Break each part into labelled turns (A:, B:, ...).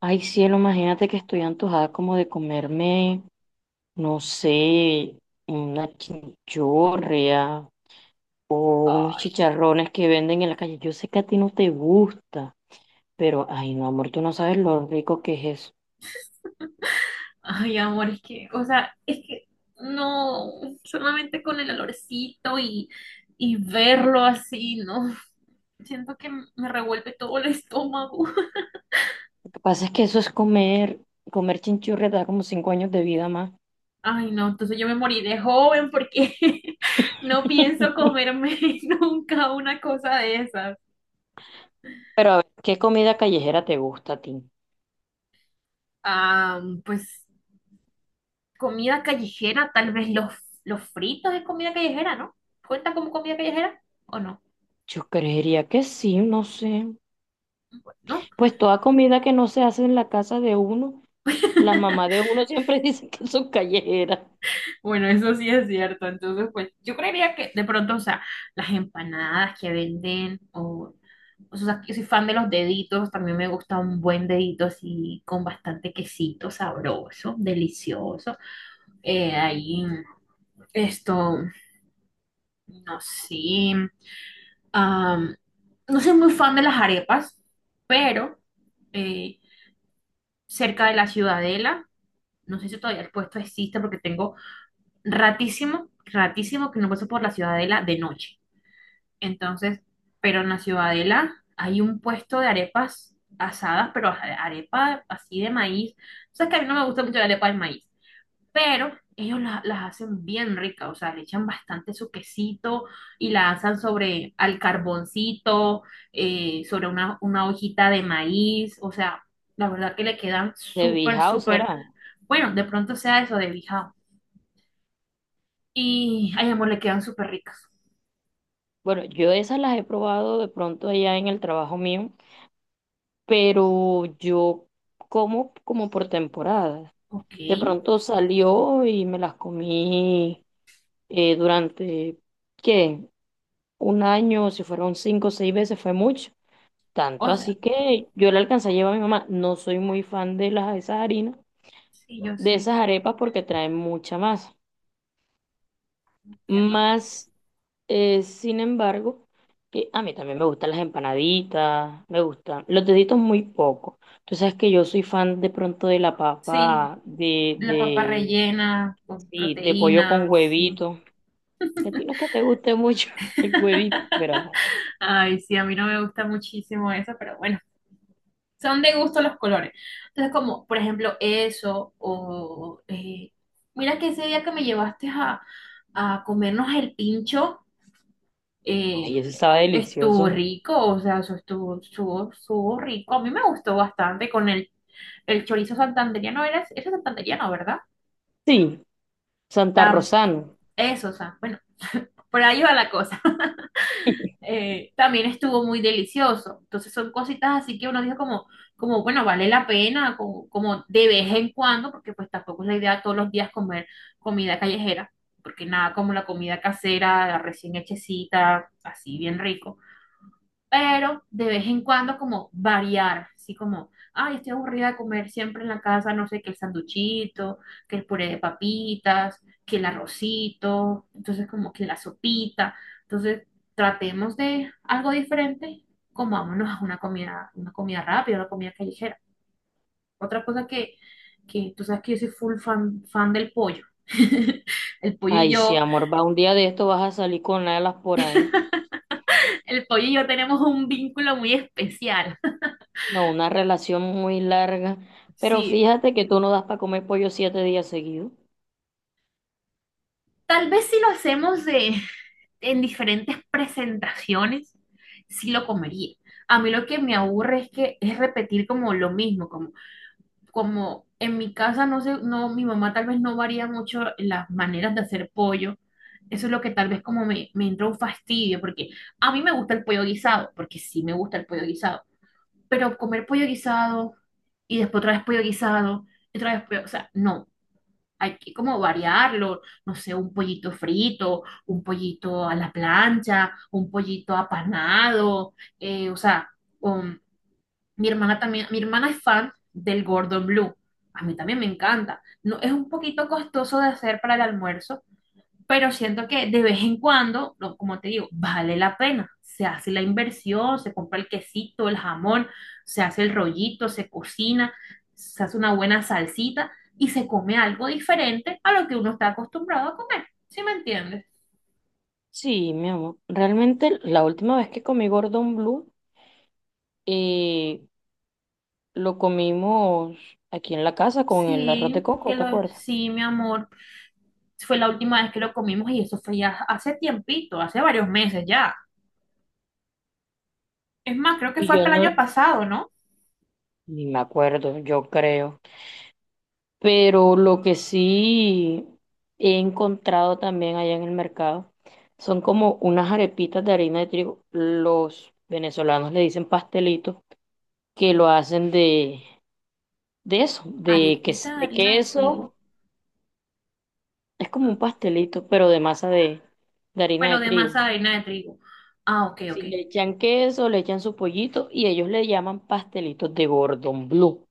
A: Ay, cielo, imagínate que estoy antojada como de comerme, no sé, una chinchorrea o unos
B: Ay,
A: chicharrones que venden en la calle. Yo sé que a ti no te gusta, pero ay, no, amor, tú no sabes lo rico que es eso.
B: ay, amor, es que no, solamente con el olorcito y verlo así, ¿no? Siento que me revuelve todo el estómago.
A: Lo que pasa es que eso es comer chinchurria te da como 5 años de vida más.
B: Ay, no, entonces yo me morí de joven porque no pienso comerme nunca una cosa de esas.
A: Pero a ver, ¿qué comida callejera te gusta a ti?
B: Ah, pues comida callejera, tal vez los fritos es comida callejera, ¿no? ¿Cuenta como comida callejera o no?
A: Yo creería que sí, no sé.
B: Bueno,
A: Pues toda comida que no se hace en la casa de uno, la mamá de uno siempre dice que son callejeras.
B: Bueno, eso sí es cierto. Entonces, pues yo creería que de pronto, o sea, las empanadas que venden, o sea, yo soy fan de los deditos, también me gusta un buen dedito así con bastante quesito sabroso, delicioso. Ahí, esto, no sé, am, no soy muy fan de las arepas, pero eh, cerca de la Ciudadela, no sé si todavía el puesto existe porque tengo ratísimo, ratísimo que no paso por la Ciudadela de noche. Entonces, pero en la Ciudadela hay un puesto de arepas asadas, pero arepa así de maíz. O sea, es que a mí no me gusta mucho la arepa de maíz, pero ellos las hacen bien ricas, o sea, le echan bastante su quesito y la asan sobre al carboncito, sobre una hojita de maíz, o sea, la verdad que le quedan
A: De
B: súper,
A: Bijao
B: súper,
A: serán.
B: bueno, de pronto sea eso de bijao. Ay, amor, le quedan súper ricas.
A: Bueno, yo esas las he probado de pronto allá en el trabajo mío, pero yo como como por temporadas.
B: Ok,
A: De pronto salió y me las comí durante, ¿qué? Un año, si fueron 5 o 6 veces, fue mucho. Tanto
B: o
A: así
B: sea,
A: que yo le alcancé a llevar a mi mamá. No soy muy fan de esas harinas,
B: sí, yo
A: de
B: sé,
A: esas arepas porque traen mucha masa.
B: entiendo, amor.
A: Más. Sin embargo, a mí también me gustan las empanaditas, me gustan los deditos muy poco. Tú sabes que yo soy fan de pronto de la
B: Sí,
A: papa
B: la papa rellena con
A: sí, de pollo con
B: proteínas, sí.
A: huevito. Que a ti no es que te guste mucho el huevito, pero ajá.
B: Ay, sí, a mí no me gusta muchísimo eso, pero bueno, son de gusto los colores. Entonces, como por ejemplo eso, o mira que ese día que me llevaste a comernos el pincho,
A: Ay,
B: eh,
A: eso estaba
B: estuvo
A: delicioso.
B: rico, o sea, eso estuvo rico. A mí me gustó bastante con el chorizo santandereano, era santandereano, ¿verdad?
A: Sí, Santa
B: Tam,
A: Rosano.
B: eso, o sea, bueno, por ahí va la cosa. También estuvo muy delicioso. Entonces son cositas así que uno dice como, como, bueno, vale la pena, como de vez en cuando, porque pues tampoco es la idea todos los días comer comida callejera, porque nada como la comida casera, recién hechecita, así bien rico pero de vez en cuando como variar, así como, ay, estoy aburrida de comer siempre en la casa, no sé, que el sanduchito, que el puré de papitas, que el arrocito, entonces como que la sopita, entonces tratemos de algo diferente, comámonos a una comida rápida, una comida callejera. Otra cosa que tú sabes que yo soy full fan del pollo. El pollo y
A: Ay, sí,
B: yo,
A: amor, va un día de esto vas a salir con alas por ahí.
B: el pollo y yo tenemos un vínculo muy especial.
A: No, una relación muy larga. Pero
B: Sí,
A: fíjate que tú no das para comer pollo 7 días seguidos.
B: tal vez si lo hacemos en diferentes presentaciones, sí lo comería. A mí lo que me aburre es que es repetir como lo mismo, como en mi casa, no sé, no, mi mamá tal vez no varía mucho las maneras de hacer pollo. Eso es lo que tal vez como me entra un fastidio, porque a mí me gusta el pollo guisado, porque sí me gusta el pollo guisado, pero comer pollo guisado y después otra vez pollo guisado, y otra vez pollo, o sea, no, hay que como variarlo, no sé, un pollito frito, un pollito a la plancha, un pollito apanado, o sea, um, mi hermana también, mi hermana es fan del Gordon Blue, a mí también me encanta, no, es un poquito costoso de hacer para el almuerzo, pero siento que de vez en cuando, como te digo, vale la pena. Se hace la inversión, se compra el quesito, el jamón, se hace el rollito, se cocina, se hace una buena salsita y se come algo diferente a lo que uno está acostumbrado a comer. ¿Sí me entiendes?
A: Sí, mi amor. Realmente la última vez que comí Gordon Blue, eh, lo comimos aquí en la casa con el arroz de
B: Sí,
A: coco, ¿te acuerdas?
B: sí, mi amor. Fue la última vez que lo comimos y eso fue ya hace tiempito, hace varios meses ya. Es más, creo que
A: Y
B: fue
A: yo
B: hasta el año
A: no,
B: pasado, ¿no?
A: ni me acuerdo, yo creo. Pero lo que sí he encontrado también allá en el mercado son como unas arepitas de harina de trigo. Los venezolanos le dicen pastelitos que lo hacen de eso,
B: Arepita de
A: de
B: harina de
A: queso.
B: trigo.
A: Es como un pastelito, pero de masa de harina de
B: Bueno, de
A: trigo.
B: masa de harina de trigo. Ah, ok,
A: Si
B: ok.
A: le echan queso, le echan su pollito y ellos le llaman pastelitos de Gordon Blue.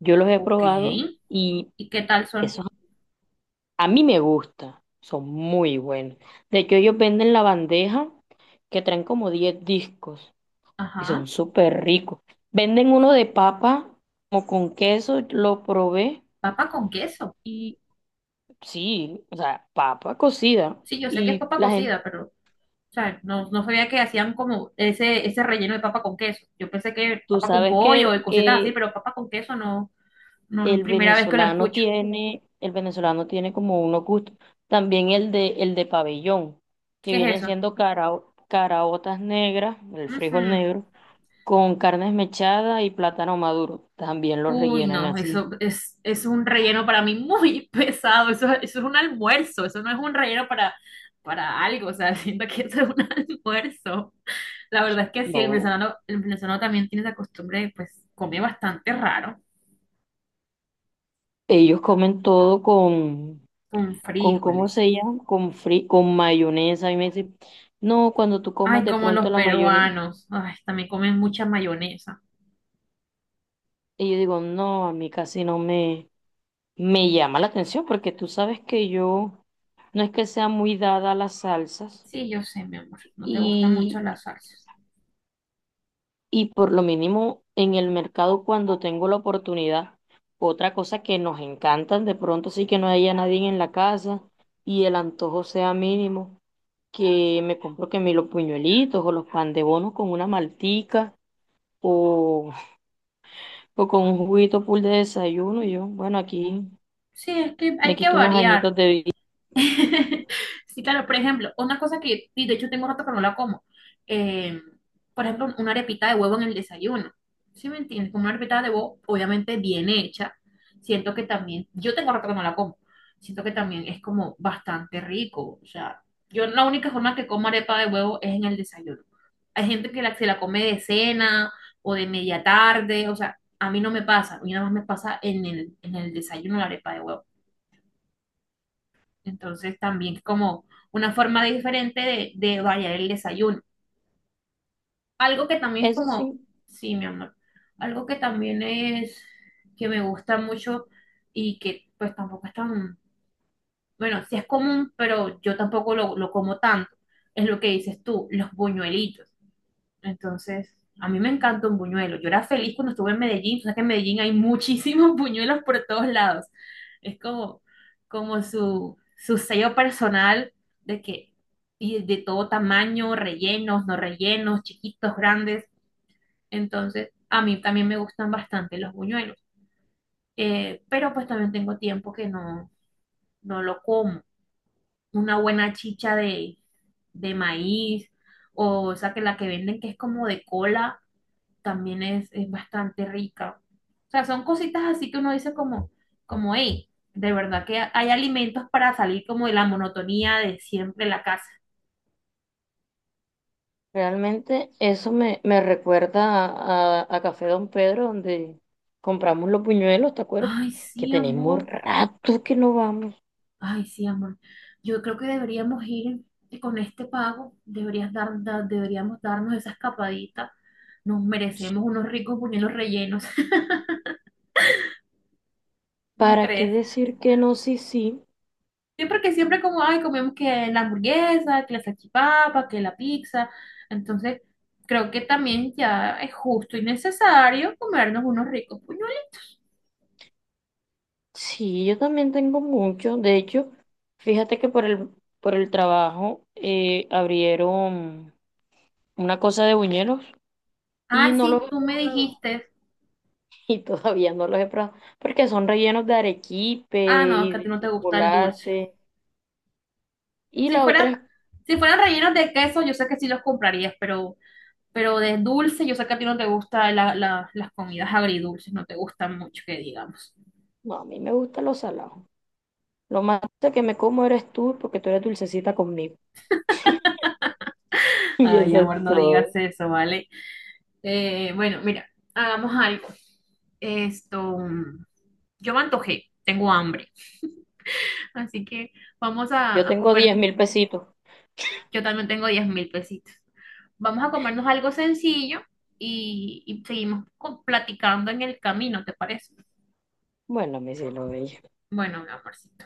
A: Yo los he
B: Ok.
A: probado y
B: ¿Y qué tal son?
A: esos a mí me gusta, son muy buenos. De hecho, ellos venden la bandeja que traen como 10 discos y son
B: Ajá.
A: súper ricos. Venden uno de papa como con queso, lo probé
B: Papa con queso.
A: y sí, o sea, papa cocida
B: Sí, yo sé que es
A: y
B: papa
A: la gente.
B: cocida, pero, o sea, no, no sabía que hacían como ese relleno de papa con queso. Yo pensé que
A: Tú
B: papa con
A: sabes
B: pollo y
A: que,
B: cositas así,
A: que
B: pero papa con queso no, no,
A: El
B: primera vez que lo
A: venezolano
B: escucho.
A: tiene, el venezolano tiene como unos gustos. También el de pabellón, que
B: ¿Qué es
A: vienen
B: eso?
A: siendo caraotas negras, el frijol
B: Ujú.
A: negro, con carne esmechada y plátano maduro. También lo
B: Uy,
A: rellenan
B: no,
A: así.
B: eso es un relleno para mí muy pesado. Eso es un almuerzo. Eso no es un relleno para algo. O sea, siento que eso es un almuerzo. La verdad es que sí, el
A: No,
B: venezolano, el venezolano también tiene esa costumbre de, pues, comer bastante raro,
A: ellos comen todo con,
B: con
A: con ¿cómo
B: frijoles.
A: se llama? Con mayonesa. Y me dicen, no, cuando tú comas
B: Ay,
A: de
B: como los
A: pronto la mayonesa.
B: peruanos. Ay, también comen mucha mayonesa.
A: Y yo digo, no, a mí casi no me llama la atención porque tú sabes que yo no es que sea muy dada a las salsas
B: Sí, yo sé, mi amor, no te gustan mucho
A: y,
B: las salsas.
A: y por lo mínimo en el mercado cuando tengo la oportunidad, otra cosa que nos encantan de pronto sí que no haya nadie en la casa y el antojo sea mínimo, que me compro que me los puñuelitos o los pan de bono con una maltica o, o con un juguito full de desayuno y yo, bueno, aquí
B: Sí, es que
A: me
B: hay que
A: quito unos
B: variar.
A: añitos de vida.
B: Sí, claro, por ejemplo, una cosa que, y de hecho tengo rato que no la como, eh, por ejemplo, una arepita de huevo en el desayuno, ¿sí me entiendes? Como una arepita de huevo, obviamente bien hecha, siento que también, yo tengo rato que no la como, siento que también es como bastante rico, o sea, yo la única forma que como arepa de huevo es en el desayuno. Hay gente que se la come de cena o de media tarde, o sea, a mí no me pasa, a mí nada más me pasa en el desayuno la arepa de huevo. Entonces también es como una forma diferente de variar el desayuno. Algo que también es
A: Eso
B: como,
A: sí.
B: sí, mi amor, algo que también es que me gusta mucho y que pues tampoco es tan, bueno, sí es común, pero yo tampoco lo como tanto, es lo que dices tú, los buñuelitos. Entonces, a mí me encanta un buñuelo. Yo era feliz cuando estuve en Medellín. O sea que en Medellín hay muchísimos buñuelos por todos lados. Es como su sello personal de que, y de todo tamaño, rellenos, no rellenos, chiquitos, grandes. Entonces, a mí también me gustan bastante los buñuelos. Pero pues también tengo tiempo que no lo como. Una buena chicha de maíz, o sea, que la que venden que es como de cola también es bastante rica. O sea, son cositas así que uno dice como, hey, de verdad que hay alimentos para salir como de la monotonía de siempre en la casa.
A: Realmente eso me recuerda a Café Don Pedro, donde compramos los buñuelos, ¿te acuerdas?
B: Ay,
A: Que
B: sí,
A: tenemos
B: amor.
A: rato que no vamos.
B: Ay, sí, amor. Yo creo que deberíamos ir con este pago, deberíamos darnos esa escapadita. Nos merecemos unos ricos buñuelos rellenos. ¿No
A: ¿Para qué
B: crees?
A: decir que no? Sí, sí.
B: Siempre que siempre como, ay, comemos que la hamburguesa, que la salchipapa, que la pizza. Entonces, creo que también ya es justo y necesario comernos unos ricos puñuelos.
A: Sí, yo también tengo mucho. De hecho, fíjate que por el trabajo abrieron una cosa de buñuelos y
B: Ah,
A: no los
B: sí,
A: he
B: tú me
A: probado.
B: dijiste.
A: Y todavía no los he probado porque son rellenos de arequipe
B: Ah, no, es
A: y
B: que a ti
A: de
B: no te gusta el dulce.
A: chocolate. Y
B: Si
A: la otra
B: fuera,
A: es,
B: si fueran rellenos de queso, yo sé que sí los comprarías, pero, de dulce, yo sé que a ti no te gusta las comidas agridulces, no te gustan mucho, que digamos.
A: no, a mí me gustan los salados. Lo más dulce que me como eres tú porque tú eres dulcecita conmigo. Y
B: Ay,
A: eso es
B: amor, no digas
A: todo.
B: eso, ¿vale? Bueno, mira, hagamos algo. Esto. mm, Yo me antojé, tengo hambre, así que vamos
A: Yo
B: a
A: tengo diez
B: comernos.
A: mil pesitos.
B: Yo también tengo 10.000 pesitos. Vamos a comernos algo sencillo y seguimos platicando en el camino, ¿te parece?
A: Bueno, mi cielo bello.
B: Bueno, mi amorcito.